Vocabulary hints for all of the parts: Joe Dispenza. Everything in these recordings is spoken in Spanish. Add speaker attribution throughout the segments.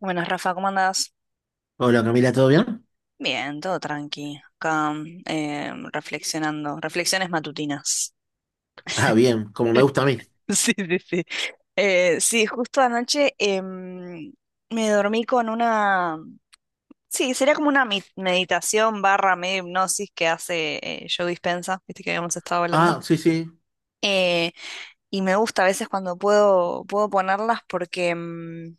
Speaker 1: Buenas, Rafa, ¿cómo andás?
Speaker 2: Hola Camila, ¿todo bien?
Speaker 1: Bien, todo tranqui. Acá reflexionando, reflexiones matutinas.
Speaker 2: Ah, bien, como me gusta a mí.
Speaker 1: Sí, sí, sí. Sí, justo anoche me dormí con una... Sí, sería como una meditación barra medio hipnosis que hace Joe Dispenza, viste que habíamos estado hablando.
Speaker 2: Ah, sí, sí,
Speaker 1: Eh, y me gusta a veces cuando puedo ponerlas porque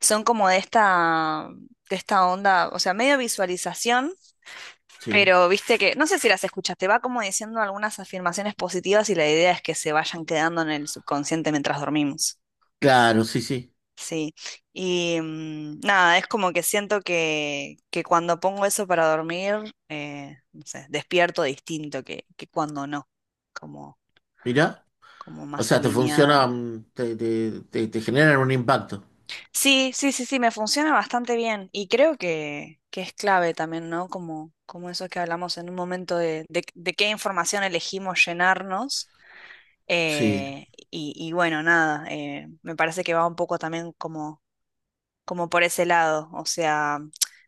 Speaker 1: son como de esta onda, o sea, medio visualización.
Speaker 2: sí.
Speaker 1: Pero viste que, no sé si las escuchaste, va como diciendo algunas afirmaciones positivas y la idea es que se vayan quedando en el subconsciente mientras dormimos.
Speaker 2: Claro, sí, sí.
Speaker 1: Sí. Y nada, es como que siento que cuando pongo eso para dormir, no sé, despierto distinto que cuando no, como,
Speaker 2: Mirá.
Speaker 1: como
Speaker 2: O
Speaker 1: más
Speaker 2: sea, te funciona,
Speaker 1: alineado.
Speaker 2: mm, te generan un impacto.
Speaker 1: Sí, sí, sí, sí, me funciona bastante bien y creo que es clave también, ¿no? Como, como eso que hablamos en un momento de qué información elegimos llenarnos.
Speaker 2: Sí,
Speaker 1: Y bueno, nada, me parece que va un poco también como, como por ese lado. O sea,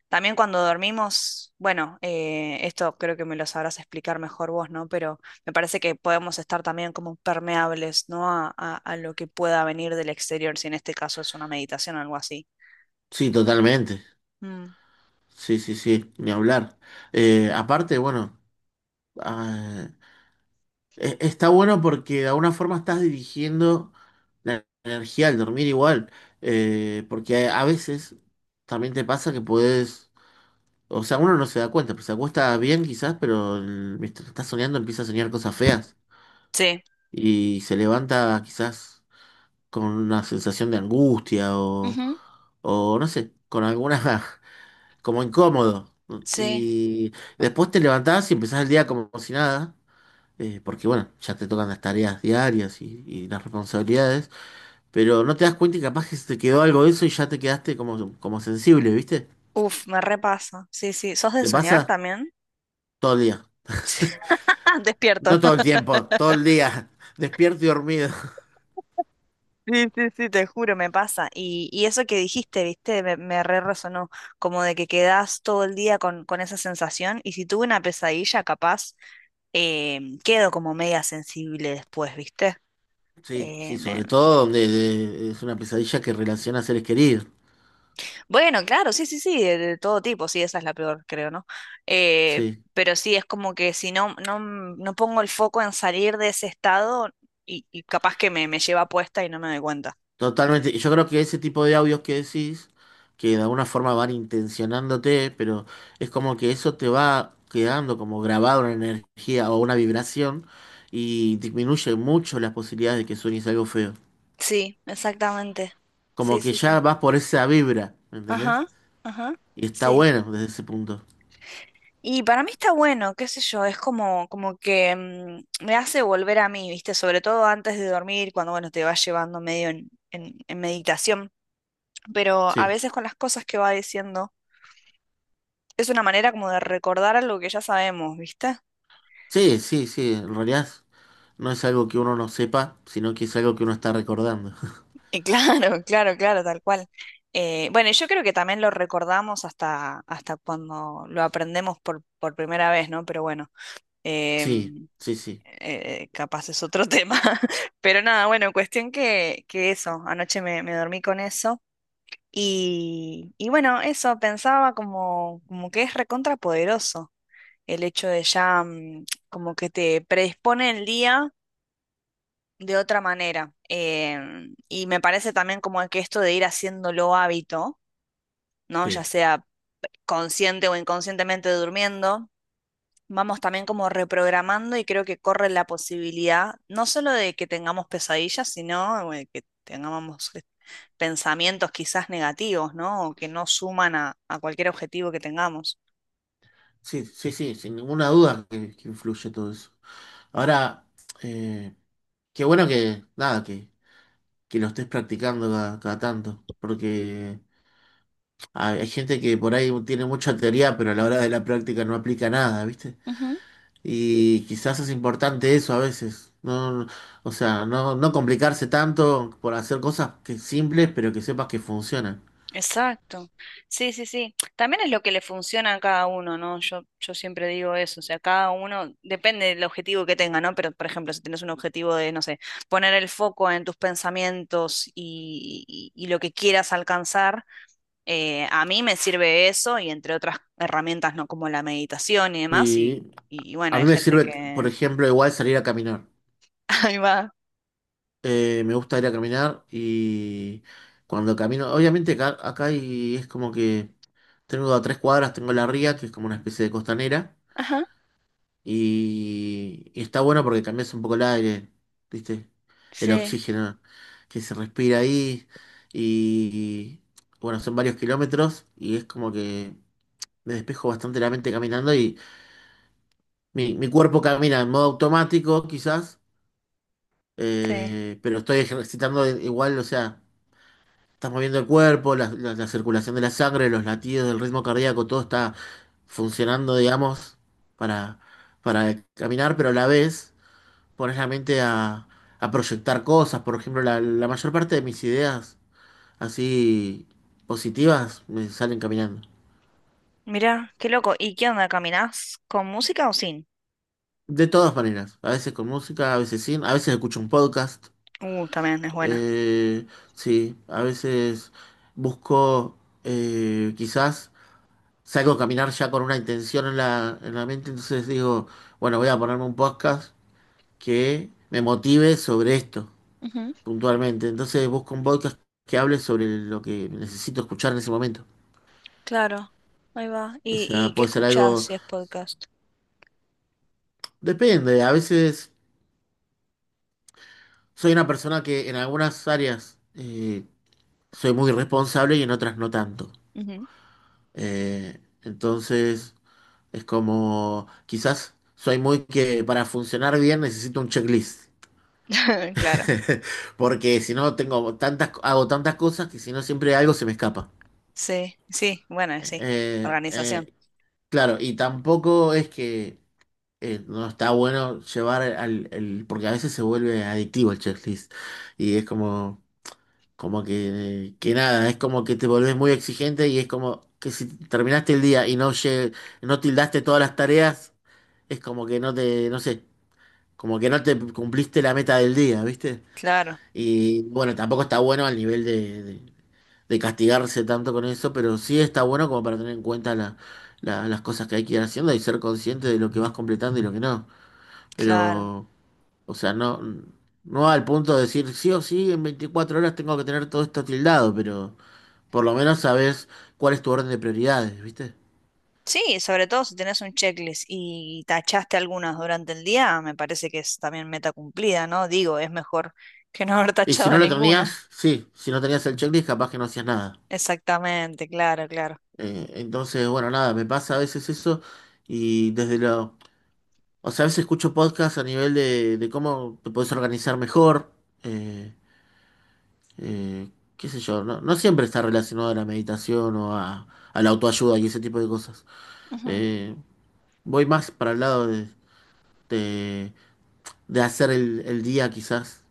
Speaker 1: también cuando dormimos, bueno, esto creo que me lo sabrás explicar mejor vos, ¿no? Pero me parece que podemos estar también como permeables, ¿no? A lo que pueda venir del exterior, si en este caso es una meditación o algo así.
Speaker 2: sí, totalmente.
Speaker 1: Mm.
Speaker 2: Sí, sí, sí, ni hablar. Aparte, bueno, ah, está bueno porque de alguna forma estás dirigiendo la energía al dormir igual. Porque a veces también te pasa que puedes. O sea, uno no se da cuenta, pues se acuesta bien quizás, pero mientras está soñando empieza a soñar cosas feas
Speaker 1: Sí.
Speaker 2: y se levanta quizás con una sensación de angustia
Speaker 1: Ujú.
Speaker 2: o no sé, con alguna, como incómodo.
Speaker 1: Sí.
Speaker 2: Y después te levantás y empezás el día como si nada, porque bueno, ya te tocan las tareas diarias y las responsabilidades, pero no te das cuenta y capaz que se te quedó algo de eso y ya te quedaste como, como sensible, ¿viste?
Speaker 1: Uf, me repasa. Sí, sí. ¿Sos de
Speaker 2: ¿Te
Speaker 1: soñar
Speaker 2: pasa
Speaker 1: también?
Speaker 2: todo el día?
Speaker 1: Ah, despierto.
Speaker 2: No todo el tiempo, todo el día, despierto y dormido.
Speaker 1: Sí, sí, sí, te juro, me pasa. Y eso que dijiste, viste, me re resonó, como de que quedás todo el día con esa sensación y si tuve una pesadilla, capaz, quedo como media sensible después, viste.
Speaker 2: Sí,
Speaker 1: Eh,
Speaker 2: sí,
Speaker 1: me-
Speaker 2: sobre todo donde es una pesadilla que relaciona a seres queridos.
Speaker 1: Bueno, claro, sí, sí, sí, de todo tipo, sí, esa es la peor, creo, ¿no? Eh,
Speaker 2: Sí,
Speaker 1: pero sí, es como que si no, no, no pongo el foco en salir de ese estado y capaz que me lleva puesta y no me doy cuenta.
Speaker 2: totalmente. Y yo creo que ese tipo de audios que decís, que de alguna forma van intencionándote, pero es como que eso te va quedando como grabado una energía o una vibración y disminuye mucho las posibilidades de que sueñes algo feo.
Speaker 1: Sí, exactamente. Sí,
Speaker 2: Como que
Speaker 1: sí, sí.
Speaker 2: ya vas por esa vibra, ¿me entendés?
Speaker 1: Ajá, ajá,
Speaker 2: Y está
Speaker 1: sí.
Speaker 2: bueno desde ese punto.
Speaker 1: Y para mí está bueno, qué sé yo, es como, como que me hace volver a mí, ¿viste? Sobre todo antes de dormir, cuando, bueno, te vas llevando medio en meditación. Pero a
Speaker 2: Sí,
Speaker 1: veces con las cosas que va diciendo, es una manera como de recordar algo que ya sabemos, ¿viste?
Speaker 2: sí, sí, sí, en realidad. No es algo que uno no sepa, sino que es algo que uno está recordando.
Speaker 1: Y claro, claro, claro, tal cual. Bueno, y yo creo que también lo recordamos hasta, hasta cuando lo aprendemos por primera vez, ¿no? Pero bueno.
Speaker 2: Sí,
Speaker 1: em,
Speaker 2: sí, sí,
Speaker 1: Capaz es otro tema. Pero nada, bueno, cuestión que eso, anoche me dormí con eso. Y bueno, eso, pensaba como, como que es recontrapoderoso el hecho de ya como que te predispone el día de otra manera. Y me parece también como que esto de ir haciéndolo hábito, ¿no? Ya
Speaker 2: sí.
Speaker 1: sea consciente o inconscientemente durmiendo. Vamos también como reprogramando y creo que corre la posibilidad no solo de que tengamos pesadillas, sino que tengamos pensamientos quizás negativos, ¿no? O que no suman a cualquier objetivo que tengamos.
Speaker 2: Sí, sí, sí, sin ninguna duda que influye todo eso. Ahora, eh, qué bueno que, nada, que lo estés practicando cada, cada tanto, porque hay gente que por ahí tiene mucha teoría, pero a la hora de la práctica no aplica nada, ¿viste?
Speaker 1: Ujú.
Speaker 2: Y quizás es importante eso a veces. No, o sea, no, no complicarse tanto por hacer cosas que simples, pero que sepas que funcionan.
Speaker 1: Exacto. Sí, sí, sí. También es lo que le funciona a cada uno, ¿no? Yo siempre digo eso, o sea, cada uno, depende del objetivo que tenga, ¿no? Pero, por ejemplo, si tienes un objetivo de, no sé, poner el foco en tus pensamientos y lo que quieras alcanzar. A mí me sirve eso y entre otras herramientas, ¿no? Como la meditación y demás.
Speaker 2: Sí,
Speaker 1: Y bueno,
Speaker 2: a
Speaker 1: hay
Speaker 2: mí me
Speaker 1: gente
Speaker 2: sirve, por
Speaker 1: que...
Speaker 2: ejemplo, igual salir a caminar.
Speaker 1: Ahí va.
Speaker 2: Me gusta ir a caminar y cuando camino, obviamente acá, acá y es como que tengo a 3 cuadras, tengo la ría, que es como una especie de costanera,
Speaker 1: Ajá,
Speaker 2: y está bueno porque cambias un poco el aire, ¿viste? El
Speaker 1: sí,
Speaker 2: oxígeno que se respira ahí y, bueno, son varios kilómetros y es como que me despejo bastante la mente caminando y mi cuerpo camina en modo automático quizás,
Speaker 1: sí.
Speaker 2: pero estoy ejercitando igual, o sea, estás moviendo el cuerpo, la circulación de la sangre, los latidos, el ritmo cardíaco, todo está funcionando, digamos, para, para caminar, pero a la vez pones la mente a proyectar cosas. Por ejemplo, la mayor parte de mis ideas así positivas me salen caminando.
Speaker 1: Mira, qué loco. ¿Y qué onda? ¿Caminás con música o sin?
Speaker 2: De todas maneras, a veces con música, a veces sin, a veces escucho un podcast.
Speaker 1: También es buena.
Speaker 2: Eh, sí, a veces busco, quizás salgo a caminar ya con una intención en en la mente, entonces digo, bueno, voy a ponerme un podcast que me motive sobre esto,
Speaker 1: Ujú,
Speaker 2: puntualmente. Entonces busco un podcast que hable sobre lo que necesito escuchar en ese momento.
Speaker 1: claro, ahí va.
Speaker 2: O
Speaker 1: ¿Y
Speaker 2: sea,
Speaker 1: ¿qué
Speaker 2: puede ser
Speaker 1: escuchás
Speaker 2: algo,
Speaker 1: si es podcast?
Speaker 2: depende, a veces soy una persona que en algunas áreas soy muy responsable y en otras no tanto.
Speaker 1: Ujú.
Speaker 2: Eh, entonces... Es como, quizás soy muy que para funcionar bien necesito un checklist.
Speaker 1: Claro.
Speaker 2: Porque si no tengo tantas, hago tantas cosas que si no siempre algo se me escapa.
Speaker 1: Sí, sí, bueno, sí.
Speaker 2: Eh,
Speaker 1: Organización.
Speaker 2: eh, claro, y tampoco es que no está bueno llevar al, porque a veces se vuelve adictivo el checklist. Y es como, como que nada, es como que te volvés muy exigente y es como que si terminaste el día y no, no tildaste todas las tareas, es como que no te, no sé. Como que no te cumpliste la meta del día, ¿viste?
Speaker 1: Claro,
Speaker 2: Y bueno, tampoco está bueno al nivel de, de castigarse tanto con eso, pero sí está bueno como para tener en cuenta las cosas que hay que ir haciendo y ser consciente de lo que vas completando y lo que no.
Speaker 1: claro.
Speaker 2: Pero, o sea, no, no al punto de decir sí o sí, en 24 horas tengo que tener todo esto tildado, pero por lo menos sabes cuál es tu orden de prioridades, ¿viste?
Speaker 1: Sí, sobre todo si tenés un checklist y tachaste algunas durante el día, me parece que es también meta cumplida, ¿no? Digo, es mejor que no haber
Speaker 2: Y si
Speaker 1: tachado
Speaker 2: no lo
Speaker 1: ninguna.
Speaker 2: tenías, sí, si no tenías el checklist, capaz que no hacías nada.
Speaker 1: Exactamente, claro, claro.
Speaker 2: Entonces, bueno, nada, me pasa a veces eso y o sea, a veces escucho podcasts a nivel de cómo te puedes organizar mejor, eh, eh, qué sé yo, no, no siempre está relacionado a la meditación o a la autoayuda y ese tipo de cosas.
Speaker 1: Ujú.
Speaker 2: Eh, voy más para el lado de, de hacer el día quizás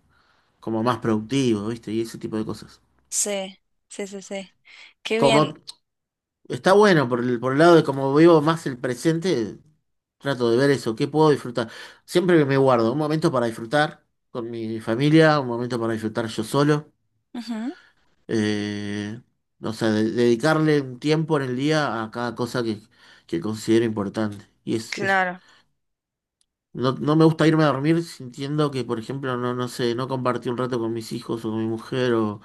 Speaker 2: como más productivo, ¿viste? Y ese tipo de cosas.
Speaker 1: Sí, sí, sí, sí. Qué
Speaker 2: Como
Speaker 1: bien.
Speaker 2: está bueno por por el lado de como vivo más el presente, trato de ver eso, qué puedo disfrutar. Siempre que me guardo un momento para disfrutar con mi familia, un momento para disfrutar yo solo.
Speaker 1: Ujú.
Speaker 2: Eh, o sea, dedicarle un tiempo en el día a cada cosa que considero importante. Y
Speaker 1: Claro.
Speaker 2: no, no me gusta irme a dormir sintiendo que, por ejemplo, no, no sé, no compartí un rato con mis hijos o con mi mujer o,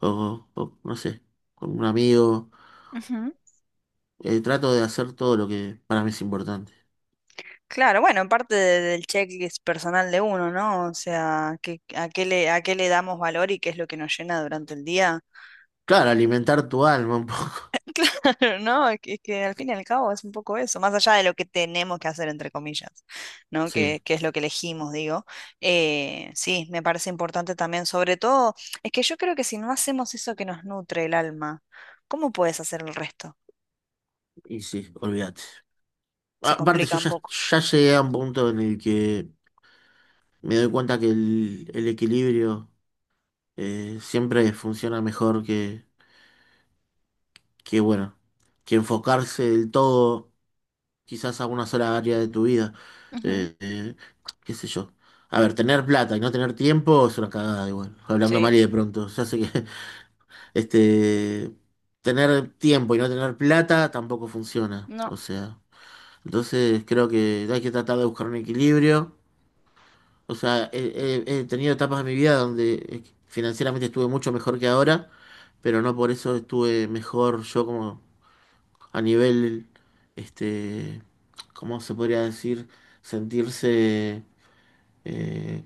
Speaker 2: o, no sé, con un amigo.
Speaker 1: Ujú.
Speaker 2: Trato de hacer todo lo que para mí es importante.
Speaker 1: Claro, bueno, parte del checklist personal de uno, ¿no? O sea, que, a qué le damos valor y qué es lo que nos llena durante el día.
Speaker 2: Claro, alimentar tu alma un poco.
Speaker 1: Pero no, es que al fin y al cabo es un poco eso, más allá de lo que tenemos que hacer, entre comillas, ¿no?
Speaker 2: Sí,
Speaker 1: Que es lo que elegimos, digo. Sí, me parece importante también, sobre todo, es que yo creo que si no hacemos eso que nos nutre el alma, ¿cómo puedes hacer el resto?
Speaker 2: y sí, olvídate.
Speaker 1: Se
Speaker 2: Aparte,
Speaker 1: complica un poco.
Speaker 2: ya llegué a un punto en el que me doy cuenta que el equilibrio, siempre funciona mejor que, bueno, que enfocarse del todo quizás a una sola área de tu vida.
Speaker 1: Ujú.
Speaker 2: Eh, eh, qué sé yo. A ver, tener plata y no tener tiempo es una cagada igual. Hablando
Speaker 1: Sí,
Speaker 2: mal y de pronto. Ya sé que este, tener tiempo y no tener plata tampoco funciona.
Speaker 1: no.
Speaker 2: O sea. Entonces creo que hay que tratar de buscar un equilibrio. O sea, he tenido etapas de mi vida donde financieramente estuve mucho mejor que ahora, pero no por eso estuve mejor yo como a nivel, este, ¿cómo se podría decir? Sentirse, eh,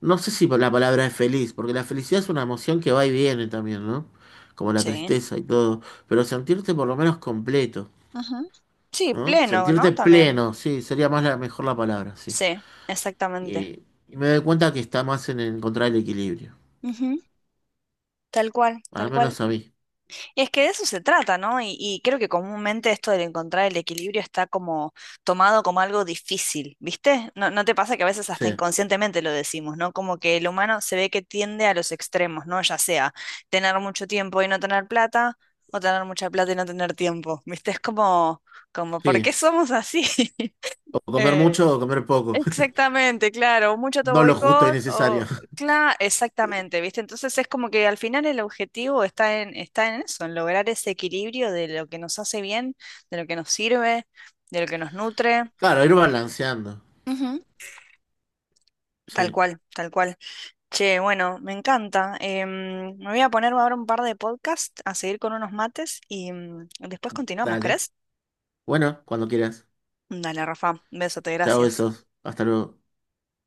Speaker 2: no sé si la palabra es feliz, porque la felicidad es una emoción que va y viene también, ¿no? Como la
Speaker 1: Sí.
Speaker 2: tristeza y todo, pero sentirte por lo menos completo,
Speaker 1: Ujú. Sí,
Speaker 2: ¿no?
Speaker 1: pleno, ¿no?
Speaker 2: Sentirte
Speaker 1: También.
Speaker 2: pleno, sí, sería más la, mejor la palabra, sí.
Speaker 1: Sí, exactamente.
Speaker 2: Y me doy cuenta que está más en encontrar el equilibrio.
Speaker 1: Ujú. Tal cual,
Speaker 2: Al
Speaker 1: tal cual.
Speaker 2: menos a mí.
Speaker 1: Es que de eso se trata, ¿no? Y creo que comúnmente esto del encontrar el equilibrio está como tomado como algo difícil, ¿viste? ¿No, no te pasa que a veces
Speaker 2: Sí,
Speaker 1: hasta inconscientemente lo decimos, ¿no? Como que el humano se ve que tiende a los extremos, ¿no? Ya sea tener mucho tiempo y no tener plata, o tener mucha plata y no tener tiempo, ¿viste? Es como, como, ¿por qué
Speaker 2: sí.
Speaker 1: somos así?
Speaker 2: O comer
Speaker 1: Eh,
Speaker 2: mucho o comer poco.
Speaker 1: Exactamente, claro, mucho
Speaker 2: No lo justo y
Speaker 1: autoboicot o
Speaker 2: necesario.
Speaker 1: claro, exactamente, ¿viste? Entonces es como que al final el objetivo está en eso, en lograr ese equilibrio de lo que nos hace bien, de lo que nos sirve, de lo que nos nutre.
Speaker 2: Claro, ir balanceando.
Speaker 1: Ujú. Tal
Speaker 2: Sí,
Speaker 1: cual, tal cual. Che, bueno, me encanta. Me voy a poner ahora un par de podcasts a seguir con unos mates y después continuamos,
Speaker 2: dale.
Speaker 1: ¿crees?
Speaker 2: Bueno, cuando quieras.
Speaker 1: Dale, Rafa, besote,
Speaker 2: Chao,
Speaker 1: gracias.
Speaker 2: besos. Hasta luego.